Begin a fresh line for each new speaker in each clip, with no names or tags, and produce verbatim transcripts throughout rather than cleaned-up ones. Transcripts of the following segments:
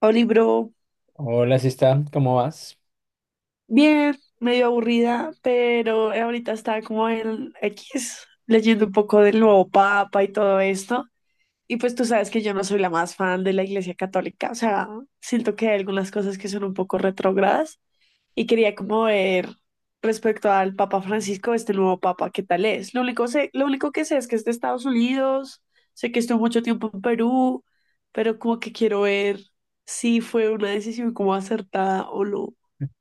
Oli, bro,
Hola, sí está, ¿cómo vas?
bien, medio aburrida, pero ahorita está como el X leyendo un poco del nuevo Papa y todo esto. Y pues tú sabes que yo no soy la más fan de la Iglesia Católica, o sea, siento que hay algunas cosas que son un poco retrógradas y quería como ver respecto al Papa Francisco, este nuevo Papa, qué tal es. Lo único sé, lo único que sé es que es de Estados Unidos, sé que estuvo mucho tiempo en Perú, pero como que quiero ver si fue una decisión como acertada o no.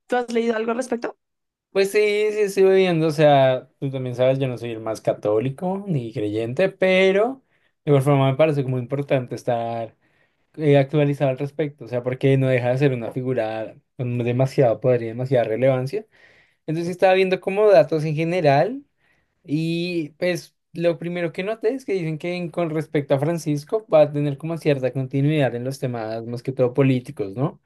¿Tú has leído algo al respecto?
Pues sí, sí estoy viendo. O sea, tú también sabes, yo no soy el más católico ni creyente, pero de igual forma me parece como importante estar eh, actualizado al respecto, o sea, porque no deja de ser una figura con demasiado poder y demasiada relevancia. Entonces sí estaba viendo como datos en general y pues lo primero que noté es que dicen que en- con respecto a Francisco va a tener como cierta continuidad en los temas más que todo políticos, ¿no?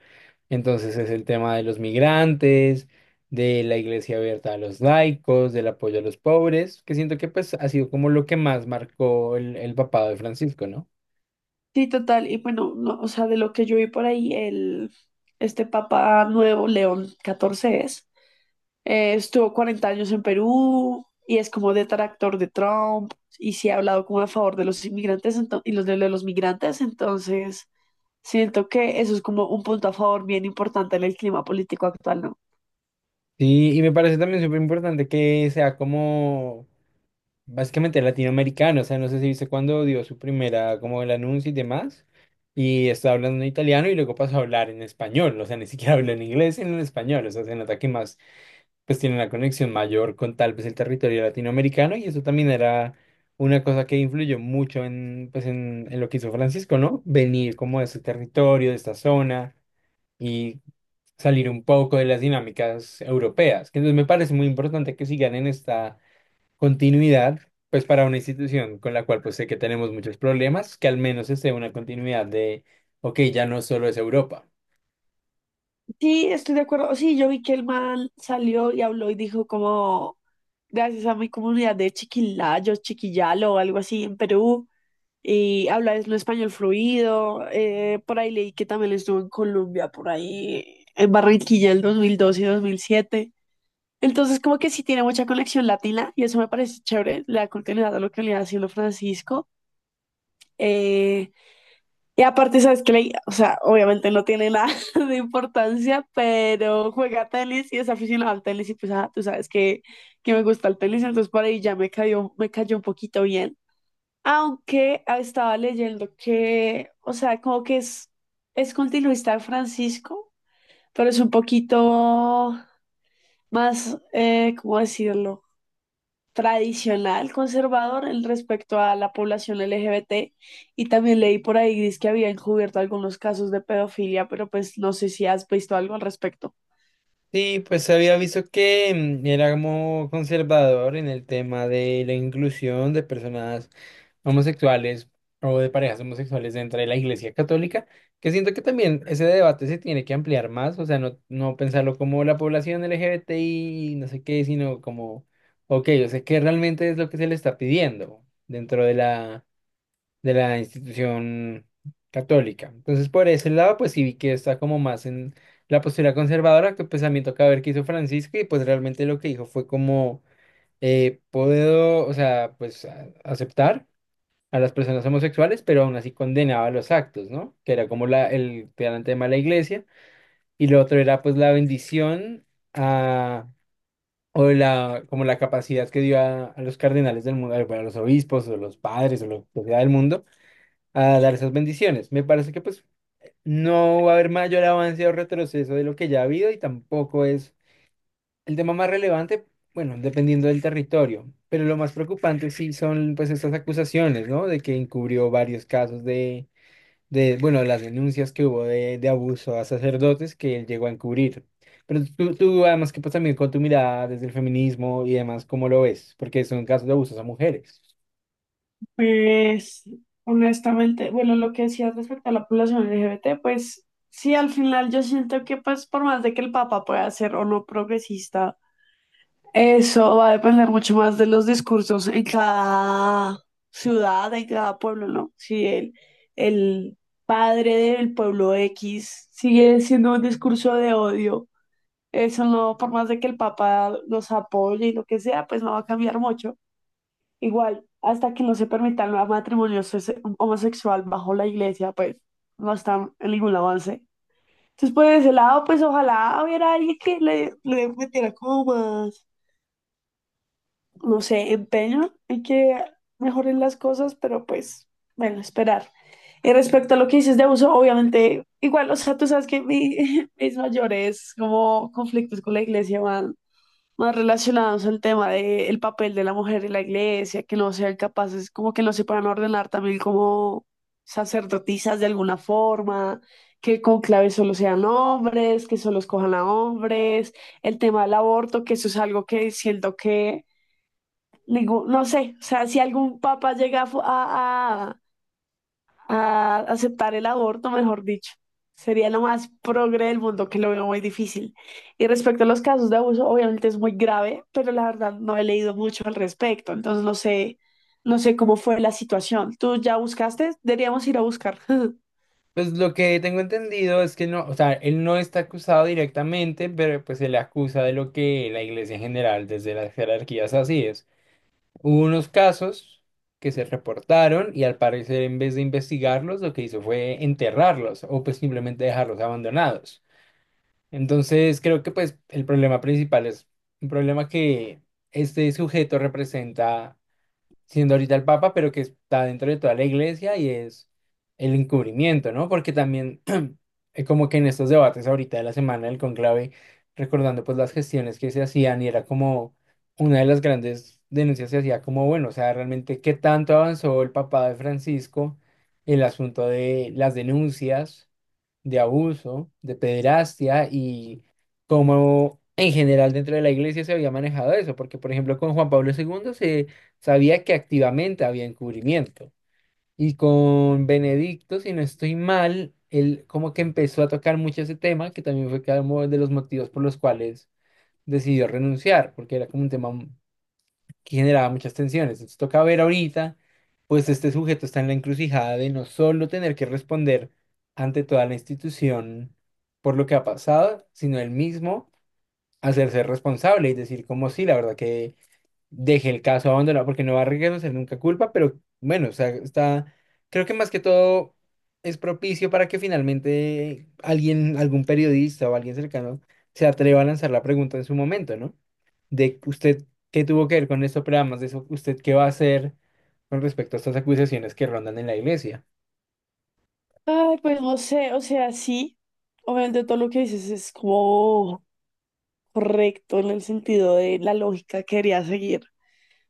Entonces es el tema de los migrantes, de la iglesia abierta a los laicos, del apoyo a los pobres, que siento que pues ha sido como lo que más marcó el, el papado de Francisco, ¿no?
Sí, total. Y bueno, no, o sea, de lo que yo vi por ahí, el, este papa nuevo, León catorce es, eh, estuvo cuarenta años en Perú y es como detractor de Trump y sí ha hablado como a favor de los inmigrantes ento- y los de, de los migrantes. Entonces, siento que eso es como un punto a favor bien importante en el clima político actual, ¿no?
Sí, y me parece también súper importante que sea como básicamente latinoamericano, o sea, no sé si viste cuando dio su primera, como el anuncio y demás, y estaba hablando en italiano y luego pasó a hablar en español, o sea, ni siquiera habló en inglés, sino en español, o sea, se nota que más pues tiene una conexión mayor con tal vez el territorio latinoamericano y eso también era una cosa que influyó mucho en, pues en, en lo que hizo Francisco, ¿no? Venir como de ese territorio, de esta zona y salir un poco de las dinámicas europeas, que entonces me parece muy importante que sigan en esta continuidad, pues para una institución con la cual pues sé que tenemos muchos problemas, que al menos esté una continuidad de, ok, ya no solo es Europa.
Sí, estoy de acuerdo. Sí, yo vi que el man salió y habló y dijo como, gracias a mi comunidad de chiquilayos, chiquillalo o algo así en Perú, y habla es un español fluido. Eh, por ahí leí que también estuvo en Colombia, por ahí en Barranquilla en dos mil dos y dos mil siete. Entonces, como que sí tiene mucha conexión latina y eso me parece chévere, la continuidad a lo que le ha sido Francisco. Eh, y aparte, sabes que, o sea, obviamente no tiene nada de importancia, pero juega tenis y es aficionado al tenis y pues, ah, tú sabes que, que me gusta el tenis, entonces por ahí ya me cayó, me cayó un poquito bien. Aunque ah, estaba leyendo que, o sea, como que es, es continuista de Francisco, pero es un poquito más, eh, ¿cómo decirlo? Tradicional, conservador en respecto a la población L G B T, y también leí por ahí dice que había encubierto algunos casos de pedofilia, pero pues no sé si has visto algo al respecto.
Sí, pues había visto que mm, era como conservador en el tema de la inclusión de personas homosexuales o de parejas homosexuales dentro de la Iglesia Católica, que siento que también ese debate se tiene que ampliar más, o sea, no, no pensarlo como la población L G B T I, no sé qué, sino como, ok, yo sé qué realmente es lo que se le está pidiendo dentro de la de la institución católica. Entonces, por ese lado, pues sí vi que está como más en la postura conservadora, que pues a mí toca ver qué hizo Francisco y pues realmente lo que dijo fue como, eh, puedo, o sea, pues a- aceptar a las personas homosexuales, pero aún así condenaba los actos, ¿no? Que era como la, el gran tema de la iglesia. Y lo otro era pues la bendición a... O la, como la capacidad que dio a, a los cardenales del mundo, bueno, a los obispos o los padres o lo que sea del mundo, a dar esas bendiciones. Me parece que pues no va a haber mayor avance o retroceso de lo que ya ha habido y tampoco es el tema más relevante, bueno, dependiendo del territorio. Pero lo más preocupante sí son pues estas acusaciones, ¿no? De que encubrió varios casos de, de bueno, las denuncias que hubo de, de abuso a sacerdotes que él llegó a encubrir. Pero tú, tú, además que pues también con tu mirada desde el feminismo y demás, ¿cómo lo ves? Porque son casos de abusos a mujeres.
Pues, honestamente, bueno, lo que decías respecto a la población L G B T, pues sí, al final yo siento que pues por más de que el Papa pueda ser o no progresista, eso va a depender mucho más de los discursos en cada ciudad, en cada pueblo, ¿no? Si el, el padre del pueblo X sigue siendo un discurso de odio, eso no, por más de que el Papa los apoye y lo que sea, pues no va a cambiar mucho. Igual, hasta que no se permitan los matrimonios hose- homosexual bajo la iglesia, pues no está en ningún avance. Entonces, por ese lado, pues ojalá hubiera alguien que le, le metiera como más, no sé, empeño y que mejoren las cosas, pero pues, bueno, esperar. Y respecto a lo que dices de abuso, obviamente, igual, o sea, tú sabes que mi- mis mayores como conflictos con la iglesia van más relacionados al tema del papel de la mujer en la iglesia, que no sean capaces, como que no se puedan ordenar también como sacerdotisas de alguna forma, que con clave solo sean hombres, que solo escojan a hombres, el tema del aborto, que eso es algo que siento que, digo, no sé, o sea, si algún papá llega a, fu- a- a- a aceptar el aborto, mejor dicho, sería lo más progre del mundo, que lo veo muy difícil. Y respecto a los casos de abuso, obviamente es muy grave, pero la verdad no he leído mucho al respecto, entonces no sé, no sé cómo fue la situación. ¿Tú ya buscaste? Deberíamos ir a buscar.
Pues lo que tengo entendido es que no, o sea, él no está acusado directamente, pero pues se le acusa de lo que la iglesia en general, desde las jerarquías así es. Hubo unos casos que se reportaron y al parecer en vez de investigarlos, lo que hizo fue enterrarlos o pues simplemente dejarlos abandonados. Entonces creo que pues el problema principal es un problema que este sujeto representa siendo ahorita el Papa, pero que está dentro de toda la iglesia y es el encubrimiento, ¿no? Porque también eh, como que en estos debates ahorita de la semana del conclave, recordando pues las gestiones que se hacían y era como una de las grandes denuncias se hacía como, bueno, o sea, realmente qué tanto avanzó el papá de Francisco, el asunto de las denuncias de abuso, de pederastia y cómo en general dentro de la iglesia se había manejado eso, porque por ejemplo con Juan Pablo segundo se sabía que activamente había encubrimiento y con Benedicto, si no estoy mal, él como que empezó a tocar mucho ese tema, que también fue como de los motivos por los cuales decidió renunciar, porque era como un tema que generaba muchas tensiones. Entonces toca ver ahorita, pues este sujeto está en la encrucijada de no solo tener que responder ante toda la institución por lo que ha pasado, sino él mismo hacerse responsable y decir como sí, la verdad que deje el caso abandonado, porque no va a reconocer nunca culpa, pero bueno, o sea, está, creo que más que todo es propicio para que finalmente alguien, algún periodista o alguien cercano se atreva a lanzar la pregunta en su momento, ¿no? De usted qué tuvo que ver con esto, pero además de eso, usted qué va a hacer con respecto a estas acusaciones que rondan en la iglesia.
Ay, pues no sé, o sea, sí, obviamente todo lo que dices es como correcto en el sentido de la lógica que quería seguir.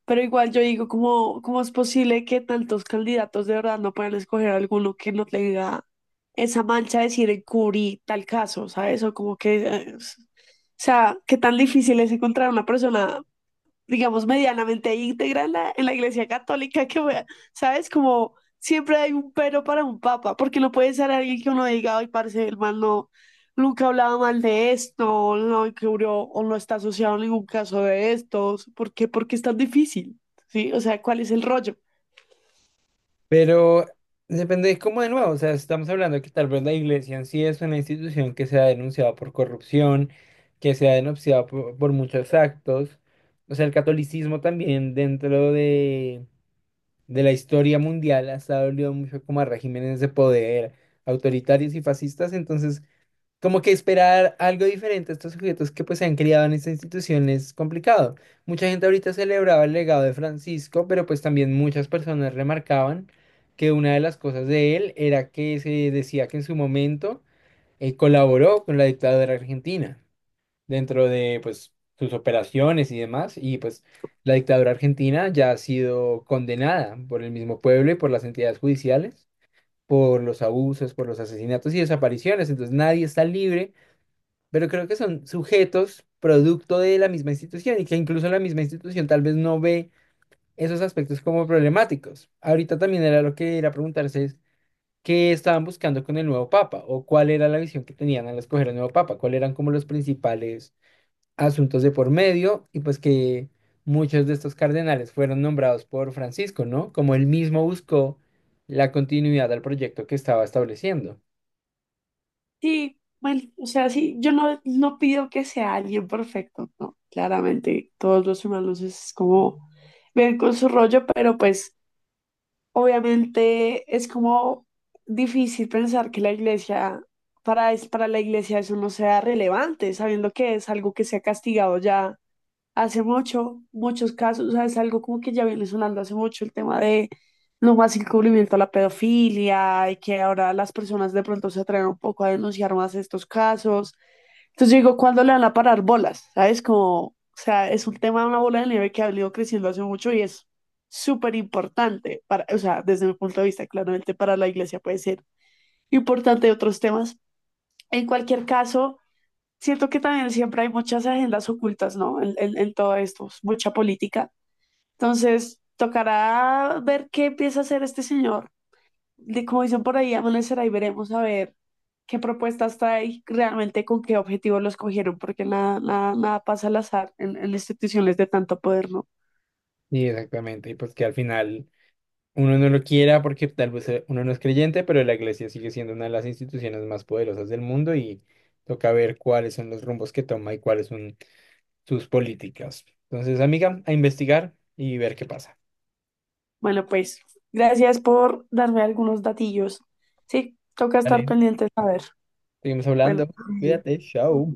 Pero igual yo digo, ¿cómo, ¿cómo es posible que tantos candidatos de verdad no puedan escoger alguno que no tenga esa mancha de decir encubrí tal caso, ¿sabes? O como que, eh, s- o sea, qué tan difícil es encontrar una persona, digamos, medianamente íntegra en la, en la Iglesia Católica, que, wea, ¿sabes? Como siempre hay un pero para un papa, porque no puede ser alguien que uno diga, ay, parece el man no, nunca hablaba mal de esto, no cubrió o no está asociado a ningún caso de estos, ¿por qué? Porque es tan difícil, ¿sí? O sea, ¿cuál es el rollo?
Pero depende es como de nuevo, o sea, estamos hablando que tal vez la iglesia en sí es una institución que se ha denunciado por corrupción, que se ha denunciado por, por muchos actos. O sea, el catolicismo también dentro de, de la historia mundial ha estado unido mucho como a regímenes de poder autoritarios y fascistas. Entonces, como que esperar algo diferente a estos sujetos que pues se han criado en esta institución es complicado. Mucha gente ahorita celebraba el legado de Francisco, pero pues también muchas personas remarcaban que una de las cosas de él era que se decía que en su momento eh, colaboró con la dictadura argentina dentro de pues sus operaciones y demás, y pues la dictadura argentina ya ha sido condenada por el mismo pueblo y por las entidades judiciales por los abusos, por los asesinatos y desapariciones, entonces nadie está libre pero creo que son sujetos producto de la misma institución y que incluso la misma institución tal vez no ve esos aspectos como problemáticos. Ahorita también era lo que era preguntarse es qué estaban buscando con el nuevo papa o cuál era la visión que tenían al escoger el nuevo papa, cuáles eran como los principales asuntos de por medio y pues que muchos de estos cardenales fueron nombrados por Francisco, ¿no? Como él mismo buscó la continuidad al proyecto que estaba estableciendo.
Sí, bueno, o sea, sí, yo no, no pido que sea alguien perfecto, no, claramente, todos los humanos es como ven con su rollo, pero pues obviamente es como difícil pensar que la iglesia, para, es- para la iglesia eso no sea relevante, sabiendo que es algo que se ha castigado ya hace mucho, muchos casos, o sea, es algo como que ya viene sonando hace mucho el tema de no más encubrimiento a la pedofilia y que ahora las personas de pronto se atreven un poco a denunciar más estos casos. Entonces yo digo, ¿cuándo le van a parar bolas? ¿Sabes? Como, o sea, es un tema de una bola de nieve que ha venido creciendo hace mucho y es súper importante para, o sea, desde mi punto de vista, claramente para la iglesia puede ser importante de otros temas. En cualquier caso, siento que también siempre hay muchas agendas ocultas, ¿no? En, en, en todo esto, mucha política. Entonces, tocará ver qué empieza a hacer este señor, de- como dicen por ahí, amanecerá y veremos a ver qué propuestas trae, realmente con qué objetivo los cogieron, porque nada, nada, nada pasa al azar en, en instituciones de tanto poder, ¿no?
Sí, exactamente, y pues que al final uno no lo quiera porque tal vez eh, uno no es creyente, pero la iglesia sigue siendo una de las instituciones más poderosas del mundo y toca ver cuáles son los rumbos que toma y cuáles son sus políticas. Entonces, amiga, a investigar y ver qué pasa.
Bueno, pues gracias por darme algunos datillos. Sí, toca estar
Vale,
pendientes a ver.
seguimos hablando.
Bueno,
Cuídate, chao.